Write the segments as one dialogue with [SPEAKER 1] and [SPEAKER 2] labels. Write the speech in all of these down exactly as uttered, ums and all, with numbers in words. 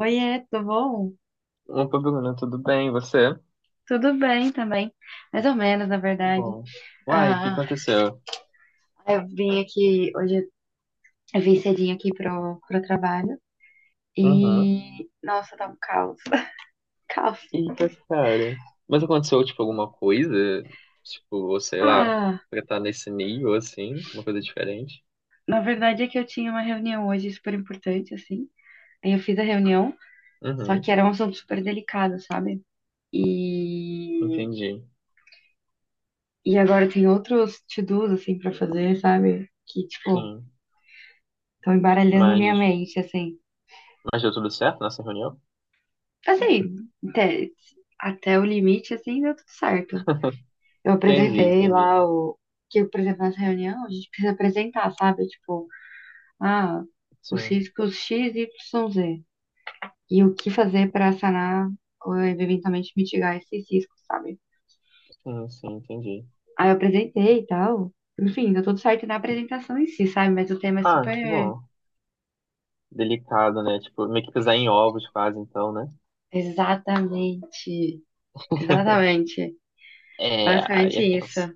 [SPEAKER 1] Oiê, tudo bom?
[SPEAKER 2] Opa, Bruno, tudo bem? E você?
[SPEAKER 1] Tudo bem também, mais ou menos, na verdade.
[SPEAKER 2] Bom. Uai, o que
[SPEAKER 1] Ah,
[SPEAKER 2] aconteceu?
[SPEAKER 1] eu vim aqui, hoje eu vim cedinho aqui pro, pro trabalho
[SPEAKER 2] Uhum.
[SPEAKER 1] e, nossa, tá um caos, caos.
[SPEAKER 2] Eita, cara. Mas aconteceu, tipo, alguma coisa? Tipo, ou sei lá,
[SPEAKER 1] Ah,
[SPEAKER 2] pra estar nesse nível, assim, uma coisa diferente?
[SPEAKER 1] na verdade é que eu tinha uma reunião hoje super importante, assim, aí eu fiz a reunião, só
[SPEAKER 2] Uhum,
[SPEAKER 1] que era um assunto super delicado, sabe? E,
[SPEAKER 2] entendi.
[SPEAKER 1] e agora tem outros to-dos, assim, pra fazer, sabe? Que, tipo,
[SPEAKER 2] Sim.
[SPEAKER 1] estão embaralhando minha
[SPEAKER 2] Mas,
[SPEAKER 1] mente, assim.
[SPEAKER 2] mas deu tudo certo nessa reunião?
[SPEAKER 1] Assim, até, até o limite, assim, deu tudo certo. Eu
[SPEAKER 2] Entendi,
[SPEAKER 1] apresentei
[SPEAKER 2] entendi.
[SPEAKER 1] lá o. Que, por exemplo, nessa reunião, a gente precisa apresentar, sabe? Tipo, ah, os
[SPEAKER 2] Sim,
[SPEAKER 1] riscos X, Y, Z. E o que fazer para sanar ou eventualmente mitigar esses riscos, sabe?
[SPEAKER 2] sim, sim, entendi.
[SPEAKER 1] Aí eu apresentei e tal. Enfim, deu tudo certo na apresentação em si, sabe? Mas o tema é
[SPEAKER 2] Ah, que
[SPEAKER 1] super.
[SPEAKER 2] bom. Delicado, né? Tipo, meio que pisar em ovos quase, então, né?
[SPEAKER 1] Exatamente. Exatamente.
[SPEAKER 2] É, aí
[SPEAKER 1] Basicamente
[SPEAKER 2] é
[SPEAKER 1] isso.
[SPEAKER 2] tenso.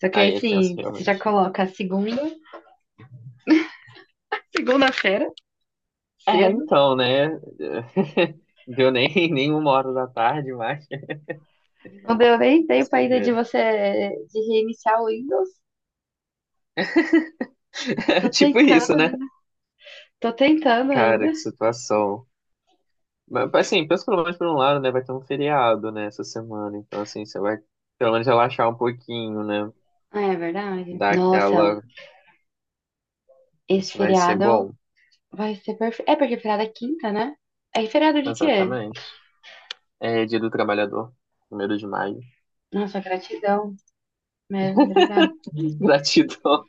[SPEAKER 1] Só que aí,
[SPEAKER 2] Aí é tenso,
[SPEAKER 1] assim, você já
[SPEAKER 2] realmente.
[SPEAKER 1] coloca segunda, segunda-feira.
[SPEAKER 2] É,
[SPEAKER 1] Cedo.
[SPEAKER 2] então, né? Deu nem, nem uma hora da tarde, mas
[SPEAKER 1] Não deu nem tempo
[SPEAKER 2] você
[SPEAKER 1] ainda de
[SPEAKER 2] vê.
[SPEAKER 1] você de reiniciar o Windows.
[SPEAKER 2] É
[SPEAKER 1] Tô
[SPEAKER 2] tipo
[SPEAKER 1] tentando
[SPEAKER 2] isso, né?
[SPEAKER 1] ainda. Tô tentando ainda.
[SPEAKER 2] Cara, que situação. Mas assim, pensa pelo menos por um lado, né? Vai ter um feriado, né, essa semana. Então, assim, você vai pelo menos relaxar um pouquinho, né?
[SPEAKER 1] Ah, é verdade.
[SPEAKER 2] Dar
[SPEAKER 1] Nossa,
[SPEAKER 2] aquela.
[SPEAKER 1] esse
[SPEAKER 2] Isso vai ser
[SPEAKER 1] feriado
[SPEAKER 2] bom.
[SPEAKER 1] vai ser perfeito. É porque feriado é quinta, né? É feriado de quê?
[SPEAKER 2] Exatamente. É Dia do Trabalhador, primeiro de maio.
[SPEAKER 1] Nossa, gratidão mesmo, obrigada.
[SPEAKER 2] Gratidão.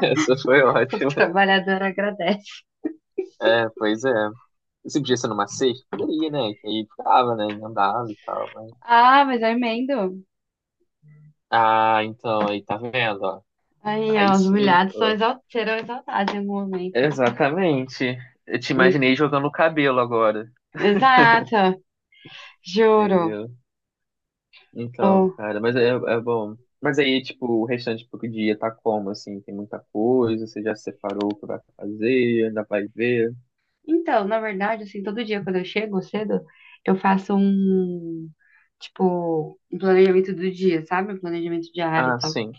[SPEAKER 2] Essa foi
[SPEAKER 1] O
[SPEAKER 2] ótima.
[SPEAKER 1] trabalhador agradece.
[SPEAKER 2] É, pois é. Se podia ser numa sexta, poderia, né? Que aí ficava, né? Emendava e tal, mas...
[SPEAKER 1] Ah, mas eu emendo.
[SPEAKER 2] Ah, então, aí tá vendo, ó.
[SPEAKER 1] Aí, ó,
[SPEAKER 2] Aí
[SPEAKER 1] os
[SPEAKER 2] sim,
[SPEAKER 1] humilhados são
[SPEAKER 2] pô.
[SPEAKER 1] exalt serão exaltados em algum momento.
[SPEAKER 2] Exatamente. Eu te
[SPEAKER 1] Hum,
[SPEAKER 2] imaginei jogando o cabelo agora,
[SPEAKER 1] Exato, juro.
[SPEAKER 2] entendeu? Então,
[SPEAKER 1] Ó,
[SPEAKER 2] cara, mas é, é bom. Mas aí, tipo, o restante pro dia tá como, assim? Tem muita coisa, você já separou o que vai fazer, ainda vai ver.
[SPEAKER 1] então, na verdade, assim, todo dia quando eu chego cedo, eu faço um, tipo, um planejamento do dia, sabe? Um planejamento diário e
[SPEAKER 2] Ah,
[SPEAKER 1] tal.
[SPEAKER 2] sim.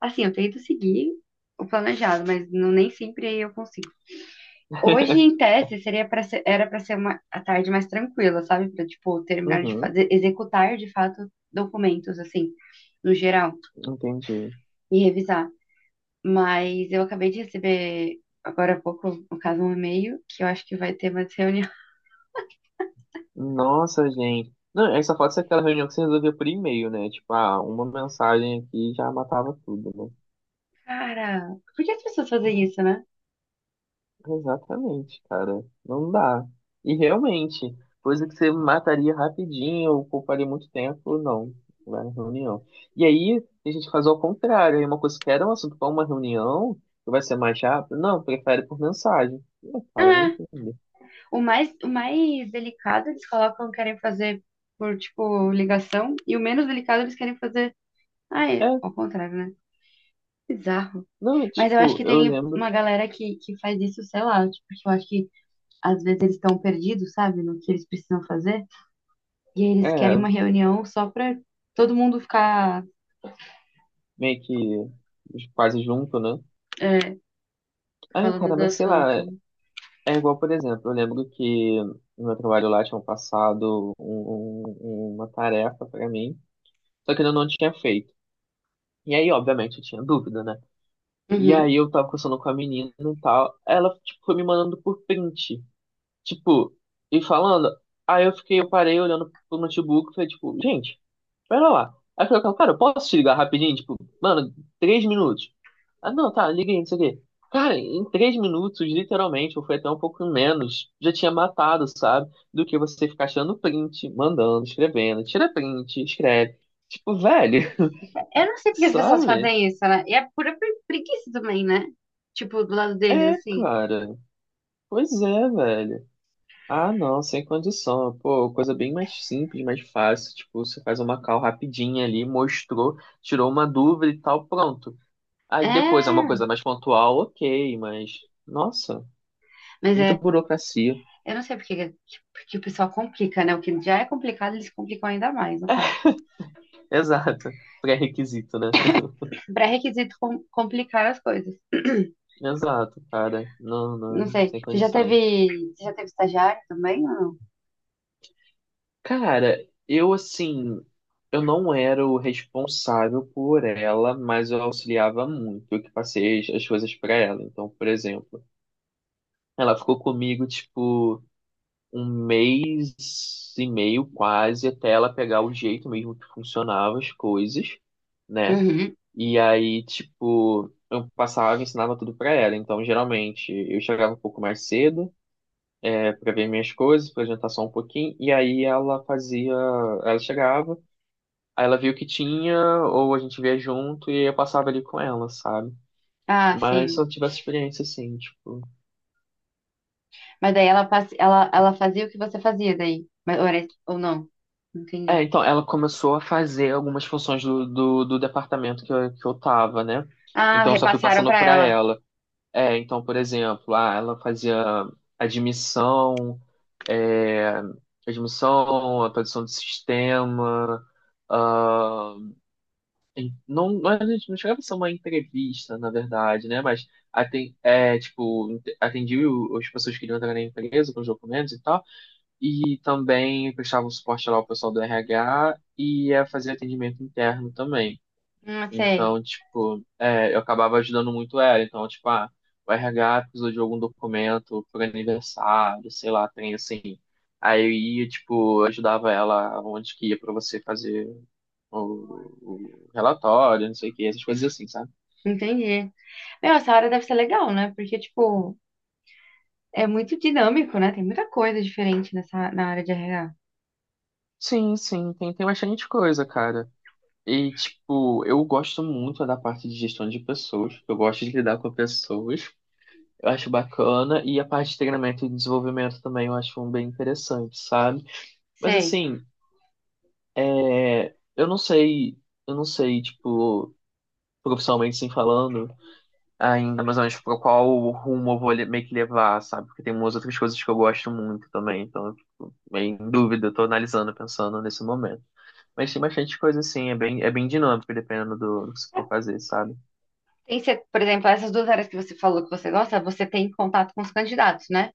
[SPEAKER 1] Assim, eu tento seguir o planejado, mas não, nem sempre eu consigo. Hoje, em tese, seria para ser, era para ser uma a tarde mais tranquila, sabe? Para, tipo, terminar de
[SPEAKER 2] Uhum,
[SPEAKER 1] fazer, executar de fato documentos, assim, no geral,
[SPEAKER 2] entendi.
[SPEAKER 1] e revisar. Mas eu acabei de receber agora há pouco, no caso, um e-mail que eu acho que vai ter mais reunião.
[SPEAKER 2] Nossa, gente. Não, aí só falta ser aquela reunião que você resolveu por e-mail, né? Tipo, ah, uma mensagem aqui já matava tudo, né?
[SPEAKER 1] Cara, por que as pessoas fazem isso, né?
[SPEAKER 2] Exatamente, cara. Não dá. E realmente, coisa que você mataria rapidinho, ou pouparia muito tempo, não. Vai na reunião. E aí, a gente faz ao contrário. Aí uma coisa que era um assunto para uma reunião, que vai ser mais rápido, não, prefere por mensagem. Não, cara, vai
[SPEAKER 1] Ah,
[SPEAKER 2] entender.
[SPEAKER 1] o mais, o mais delicado eles colocam, querem fazer por, tipo, ligação, e o menos delicado eles querem fazer. Ah, é,
[SPEAKER 2] É,
[SPEAKER 1] ao contrário, né? Bizarro.
[SPEAKER 2] não,
[SPEAKER 1] Mas eu acho
[SPEAKER 2] tipo,
[SPEAKER 1] que
[SPEAKER 2] eu
[SPEAKER 1] tem
[SPEAKER 2] lembro,
[SPEAKER 1] uma galera que, que faz isso, sei lá, tipo, porque eu acho que às vezes eles estão perdidos, sabe, no que eles precisam fazer, e aí eles querem
[SPEAKER 2] é,
[SPEAKER 1] uma reunião só pra todo mundo ficar,
[SPEAKER 2] meio que quase junto, né?
[SPEAKER 1] é,
[SPEAKER 2] Ai,
[SPEAKER 1] falando
[SPEAKER 2] cara,
[SPEAKER 1] do
[SPEAKER 2] mas sei lá,
[SPEAKER 1] assunto.
[SPEAKER 2] é igual, por exemplo, eu lembro que no meu trabalho lá tinham passado um- um- um, uma tarefa pra mim, só que eu não tinha feito. E aí, obviamente, eu tinha dúvida, né? E
[SPEAKER 1] Uhum.
[SPEAKER 2] aí eu tava conversando com a menina e tal, ela, tipo, foi me mandando por print, tipo, e falando, aí eu fiquei, eu parei olhando pro notebook e falei, tipo, gente, pera lá. Aí eu falei, cara, eu posso te ligar rapidinho? Tipo, mano, três minutos. Ah, não, tá, liguei, não sei o quê. Cara, em três minutos, literalmente, ou foi até um pouco menos, já tinha matado, sabe? Do que você ficar achando print, mandando, escrevendo, tira print, escreve. Tipo, velho,
[SPEAKER 1] Eu não sei porque as pessoas
[SPEAKER 2] sabe?
[SPEAKER 1] fazem isso, né? E é pura pre- preguiça também, né? Tipo, do lado deles,
[SPEAKER 2] É,
[SPEAKER 1] assim.
[SPEAKER 2] cara. Pois é, velho. Ah, não, sem condição. Pô, coisa bem mais simples, mais fácil. Tipo, você faz uma call rapidinha ali, mostrou, tirou uma dúvida e tal, pronto. Aí depois é uma
[SPEAKER 1] É,
[SPEAKER 2] coisa mais pontual, ok, mas nossa,
[SPEAKER 1] mas
[SPEAKER 2] muita
[SPEAKER 1] é,
[SPEAKER 2] burocracia.
[SPEAKER 1] eu não sei porque, porque o pessoal complica, né? O que já é complicado, eles complicam ainda mais, no caso.
[SPEAKER 2] Exato. Pré-requisito, né?
[SPEAKER 1] Pré-requisito com- complicar as coisas.
[SPEAKER 2] Exato, cara. Não,
[SPEAKER 1] Não
[SPEAKER 2] não,
[SPEAKER 1] sei.
[SPEAKER 2] sem
[SPEAKER 1] Você já
[SPEAKER 2] condições.
[SPEAKER 1] teve, você já teve estagiário também ou não?
[SPEAKER 2] Cara, eu assim, eu não era o responsável por ela, mas eu auxiliava muito, eu que passei as as coisas pra ela. Então, por exemplo, ela ficou comigo tipo um mês e meio quase até ela pegar o jeito mesmo que funcionava as coisas, né?
[SPEAKER 1] Uhum.
[SPEAKER 2] E aí, tipo, eu passava e ensinava tudo pra ela. Então, geralmente, eu chegava um pouco mais cedo, é, para ver minhas coisas, para jantar só um pouquinho. E aí ela fazia, ela chegava, aí ela via o que tinha, ou a gente via junto, e eu passava ali com ela, sabe?
[SPEAKER 1] Ah,
[SPEAKER 2] Mas se
[SPEAKER 1] sim.
[SPEAKER 2] eu tivesse experiência, assim, tipo.
[SPEAKER 1] Mas daí ela, passe- ela, ela fazia o que você fazia daí. Mas, ou, era- ou não?
[SPEAKER 2] É,
[SPEAKER 1] Entendi.
[SPEAKER 2] então, ela começou a fazer algumas funções do, do, do departamento que eu, que eu tava, né?
[SPEAKER 1] Ah,
[SPEAKER 2] Então, eu só fui
[SPEAKER 1] repassaram
[SPEAKER 2] passando
[SPEAKER 1] pra
[SPEAKER 2] pra
[SPEAKER 1] ela.
[SPEAKER 2] ela. É, então, por exemplo, ah, ela fazia admissão, é, admissão, atualização do sistema, ah, em- não, não, era- não chegava a ser uma entrevista, na verdade, né? Mas aten, é, tipo, ent- atendia o- as pessoas que queriam entrar na empresa com os documentos e tal, e também prestava um suporte lá ao pessoal do R H e eh, fazia atendimento interno também.
[SPEAKER 1] Não sei.
[SPEAKER 2] Então, tipo, é, eu acabava ajudando muito ela. Então, tipo, ah, o R H precisou de algum documento por aniversário, sei lá, tem assim. Aí eu ia, tipo, ajudava ela onde que ia pra você fazer o, o relatório, não sei o que, essas coisas assim, sabe?
[SPEAKER 1] Entendi. Meu, essa área deve ser legal, né? Porque, tipo, é muito dinâmico, né? Tem muita coisa diferente nessa, na área de R H.
[SPEAKER 2] Sim, sim, tem, tem bastante coisa, cara. E, tipo, eu gosto muito da parte de gestão de pessoas. Eu gosto de lidar com pessoas. Eu acho bacana. E a parte de treinamento e desenvolvimento também eu acho bem interessante, sabe? Mas
[SPEAKER 1] Sei.
[SPEAKER 2] assim, é, eu não sei, eu não sei, tipo, profissionalmente sem falando ainda, mais ou menos pra qual rumo eu vou le- meio que levar, sabe? Porque tem umas outras coisas que eu gosto muito também, então, eu fico meio em dúvida, eu tô analisando, pensando nesse momento. Mas tem bastante coisa assim, é bem, é bem dinâmico, dependendo do, do que você for fazer, sabe?
[SPEAKER 1] Tem, se- por exemplo, essas duas áreas que você falou que você gosta, você tem contato com os candidatos, né?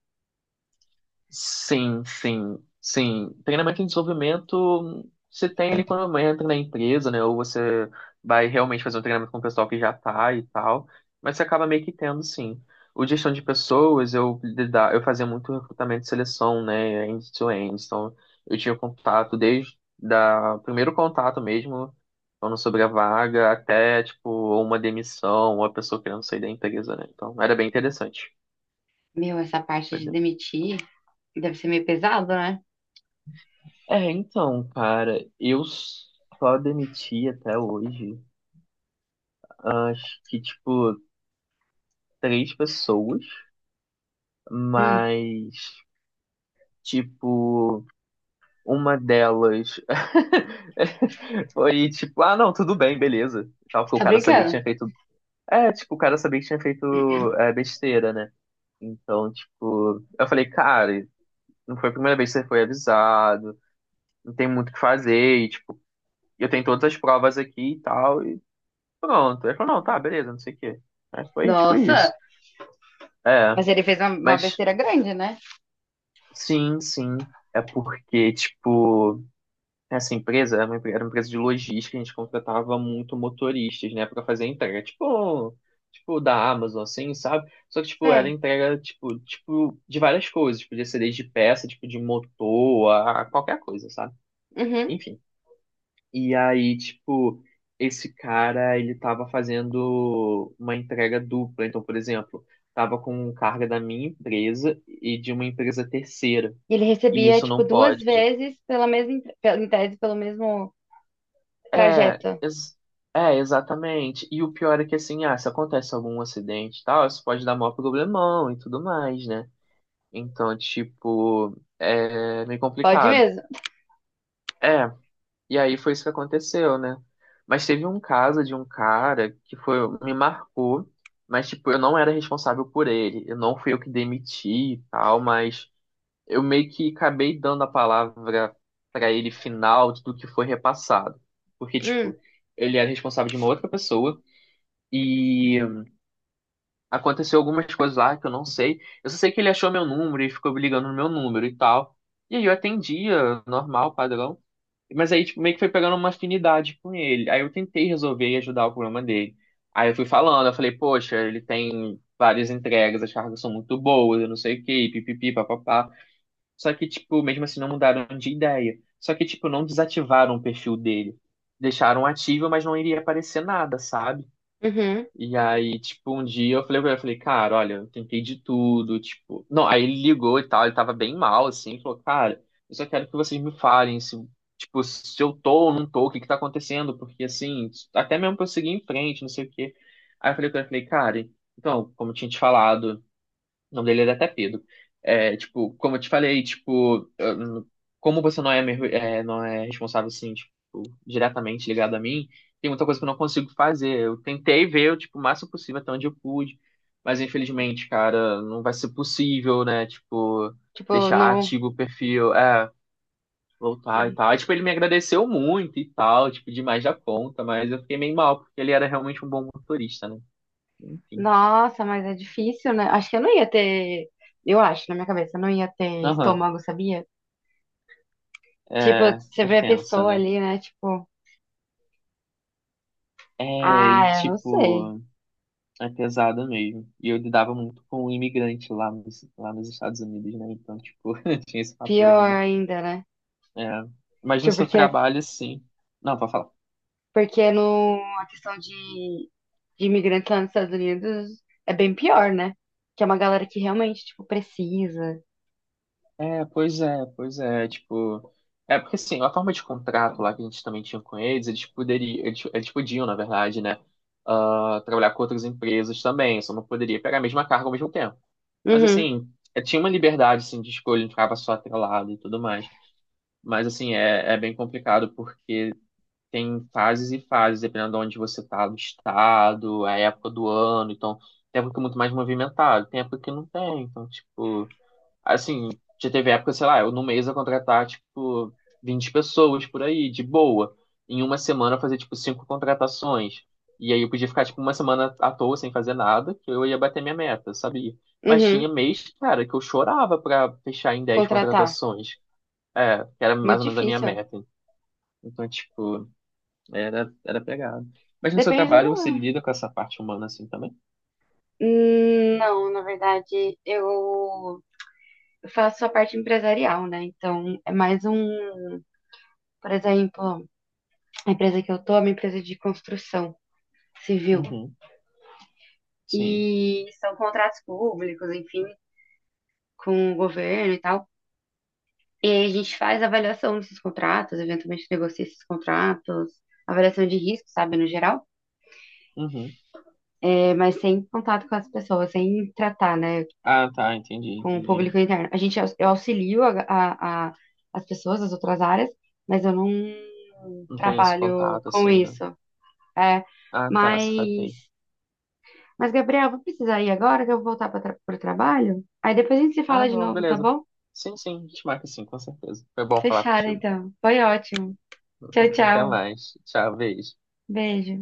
[SPEAKER 2] Sim, sim, sim. Treinamento em desenvolvimento você tem ele quando entra na empresa, né? Ou você vai realmente fazer um treinamento com o pessoal que já tá e tal, mas você acaba meio que tendo, sim. O gestão de pessoas, eu lida- eu fazia muito recrutamento e seleção, né? End-to-end. Então, eu tinha contato desde da primeiro contato mesmo, falando sobre a vaga, até, tipo, uma demissão, uma pessoa querendo sair da empresa, né? Então, era bem interessante.
[SPEAKER 1] Meu, essa parte de demitir deve ser meio pesado, né?
[SPEAKER 2] É, então, cara, eu só demiti até hoje, acho que, tipo, três pessoas,
[SPEAKER 1] Hum,
[SPEAKER 2] mas, tipo, uma delas foi, tipo, ah, não, tudo bem, beleza. E tal,
[SPEAKER 1] você
[SPEAKER 2] porque o
[SPEAKER 1] tá
[SPEAKER 2] cara sabia que
[SPEAKER 1] brincando?
[SPEAKER 2] tinha feito. É, tipo, o cara sabia que tinha feito é, besteira, né? Então, tipo, eu falei, cara, não foi a primeira vez que você foi avisado, não tem muito o que fazer, e, tipo, eu tenho todas as provas aqui e tal. Pronto. Ele falou, não, tá, beleza, não sei o quê. Aí foi tipo
[SPEAKER 1] Nossa,
[SPEAKER 2] isso. É,
[SPEAKER 1] mas ele fez uma, uma
[SPEAKER 2] mas
[SPEAKER 1] besteira grande, né?
[SPEAKER 2] sim, sim. É porque, tipo, essa empresa era uma empre- era uma empresa de logística, a gente contratava muito motoristas, né, pra fazer entrega. Tipo, tipo da Amazon, assim, sabe? Só que, tipo, era
[SPEAKER 1] Sei.
[SPEAKER 2] entrega, tipo, tipo, de várias coisas. Podia ser desde peça, tipo, de motor, a a qualquer coisa, sabe?
[SPEAKER 1] Uhum.
[SPEAKER 2] Enfim. E aí, tipo, esse cara, ele tava fazendo uma entrega dupla. Então, por exemplo, tava com carga da minha empresa e de uma empresa terceira.
[SPEAKER 1] E ele
[SPEAKER 2] E
[SPEAKER 1] recebia,
[SPEAKER 2] isso
[SPEAKER 1] tipo,
[SPEAKER 2] não
[SPEAKER 1] duas
[SPEAKER 2] pode.
[SPEAKER 1] vezes pela mesma, entre- pela- em tese, pelo mesmo
[SPEAKER 2] É,
[SPEAKER 1] trajeto.
[SPEAKER 2] ex- é, exatamente. E o pior é que, assim, ah, se acontece algum acidente e tal, isso pode dar maior problemão e tudo mais, né? Então, tipo, é meio
[SPEAKER 1] Pode
[SPEAKER 2] complicado.
[SPEAKER 1] mesmo?
[SPEAKER 2] É. E aí foi isso que aconteceu, né? Mas teve um caso de um cara que foi, me marcou, mas tipo, eu não era responsável por ele. Eu não fui eu que demiti e tal, mas eu meio que acabei dando a palavra pra ele final do que foi repassado. Porque,
[SPEAKER 1] Hum,
[SPEAKER 2] tipo, ele era responsável de uma outra pessoa e aconteceu algumas coisas lá que eu não sei. Eu só sei que ele achou meu número e ficou ligando no meu número e tal. E aí eu atendia, normal, padrão. Mas aí, tipo, meio que foi pegando uma afinidade com ele. Aí eu tentei resolver e ajudar o problema dele. Aí eu fui falando, eu falei, poxa, ele tem várias entregas, as cargas são muito boas, eu não sei o quê, pipipi, papapá. Só que, tipo, mesmo assim não mudaram de ideia. Só que, tipo, não desativaram o perfil dele. Deixaram ativo, mas não iria aparecer nada, sabe?
[SPEAKER 1] uhum.
[SPEAKER 2] E aí, tipo, um dia eu falei pra ele, eu falei, cara, olha, eu tentei de tudo, tipo. Não, aí ele ligou e tal, ele tava bem mal, assim, falou, cara, eu só quero que vocês me falem se, tipo, se eu tô ou não tô, o que que tá acontecendo, porque assim, até mesmo pra eu seguir em frente, não sei o quê. Aí eu falei com ele, eu falei, cara, então, como eu tinha te falado. O nome dele era até Pedro. É, tipo, como eu te falei, tipo, eu como você não é, meu- é, não é responsável, assim, tipo, diretamente ligado a mim, tem muita coisa que eu não consigo fazer. Eu tentei ver, tipo, o máximo possível até onde eu pude, mas infelizmente, cara, não vai ser possível, né? Tipo,
[SPEAKER 1] Tipo,
[SPEAKER 2] deixar
[SPEAKER 1] no.
[SPEAKER 2] ativo o perfil, é, voltar e tal. Aí, tipo, ele me agradeceu muito e tal, tipo, demais da conta, mas eu fiquei meio mal, porque ele era realmente um bom motorista, né? Enfim.
[SPEAKER 1] Nossa, mas é difícil, né? Acho que eu não ia ter. Eu acho, na minha cabeça, eu não ia ter
[SPEAKER 2] Aham,
[SPEAKER 1] estômago, sabia? Tipo,
[SPEAKER 2] é,
[SPEAKER 1] você
[SPEAKER 2] é
[SPEAKER 1] vê a
[SPEAKER 2] tensa,
[SPEAKER 1] pessoa
[SPEAKER 2] né?
[SPEAKER 1] ali, né? Tipo,
[SPEAKER 2] É, e
[SPEAKER 1] ah, eu não sei.
[SPEAKER 2] tipo, é pesado mesmo. E eu lidava muito com um imigrante lá nos, lá nos Estados Unidos, né? Então, tipo, tinha esse fator
[SPEAKER 1] Pior
[SPEAKER 2] ainda.
[SPEAKER 1] ainda, né?
[SPEAKER 2] É. Mas no
[SPEAKER 1] Tipo,
[SPEAKER 2] seu
[SPEAKER 1] porque,
[SPEAKER 2] trabalho, sim. Não, pode falar.
[SPEAKER 1] porque no, a questão de, de imigrantes lá nos Estados Unidos é bem pior, né? Que é uma galera que realmente, tipo, precisa.
[SPEAKER 2] É, pois é, pois é, tipo. É porque assim, a forma de contrato lá que a gente também tinha com eles, eles poderiam, eles, eles podiam, na verdade, né? ah, trabalhar com outras empresas também, só não poderia pegar a mesma carga ao mesmo tempo. Mas
[SPEAKER 1] Uhum,
[SPEAKER 2] assim, eh, tinha uma liberdade assim, de escolha, não ficava só atrelado e tudo mais. Mas assim, é, é bem complicado porque tem fases e fases, dependendo de onde você tá, do estado, é a época do ano, então tem época que é muito mais movimentado, tem época que não tem, então, tipo, assim, já teve época, sei lá, eu no mês ia contratar, tipo, vinte pessoas por aí, de boa. Em uma semana eu fazia, tipo, cinco contratações. E aí eu podia ficar, tipo, uma semana à toa sem fazer nada, que eu ia bater minha meta, sabia? Mas
[SPEAKER 1] uhum.
[SPEAKER 2] tinha mês, cara, que eu chorava pra fechar em dez
[SPEAKER 1] Contratar.
[SPEAKER 2] contratações. É, que era mais
[SPEAKER 1] Muito
[SPEAKER 2] ou menos a minha
[SPEAKER 1] difícil.
[SPEAKER 2] meta. Então, tipo, era, era pegado. Mas no seu
[SPEAKER 1] Depende do
[SPEAKER 2] trabalho você
[SPEAKER 1] valor.
[SPEAKER 2] lida com essa parte humana assim também?
[SPEAKER 1] Hum, Não, na verdade, eu. Eu faço a parte empresarial, né? Então, é mais um, por exemplo, a empresa que eu tô é uma empresa de construção civil.
[SPEAKER 2] Uhum, sim.
[SPEAKER 1] E são contratos públicos, enfim, com o governo e tal. E aí a gente faz avaliação desses contratos, eventualmente negocia esses contratos, avaliação de risco, sabe, no geral.
[SPEAKER 2] Uhum.
[SPEAKER 1] É, mas sem contato com as pessoas, sem tratar, né,
[SPEAKER 2] Ah, tá, entendi,
[SPEAKER 1] com o
[SPEAKER 2] entendi.
[SPEAKER 1] público interno. A gente, eu auxilio a, a- a- as pessoas das outras áreas, mas eu não
[SPEAKER 2] Não tem esse
[SPEAKER 1] trabalho
[SPEAKER 2] contato
[SPEAKER 1] com
[SPEAKER 2] assim, né?
[SPEAKER 1] isso. É,
[SPEAKER 2] Ah, tá,
[SPEAKER 1] mas,
[SPEAKER 2] saquei.
[SPEAKER 1] mas Gabriel, vou precisar ir agora que eu vou voltar para o trabalho. Aí depois a gente se
[SPEAKER 2] Ah,
[SPEAKER 1] fala de
[SPEAKER 2] não,
[SPEAKER 1] novo, tá
[SPEAKER 2] beleza.
[SPEAKER 1] bom?
[SPEAKER 2] Sim, sim, a gente marca sim, com certeza. Foi bom falar
[SPEAKER 1] Fechado,
[SPEAKER 2] contigo.
[SPEAKER 1] então. Foi ótimo. Tchau,
[SPEAKER 2] Até
[SPEAKER 1] tchau.
[SPEAKER 2] mais. Tchau, beijo.
[SPEAKER 1] Beijo.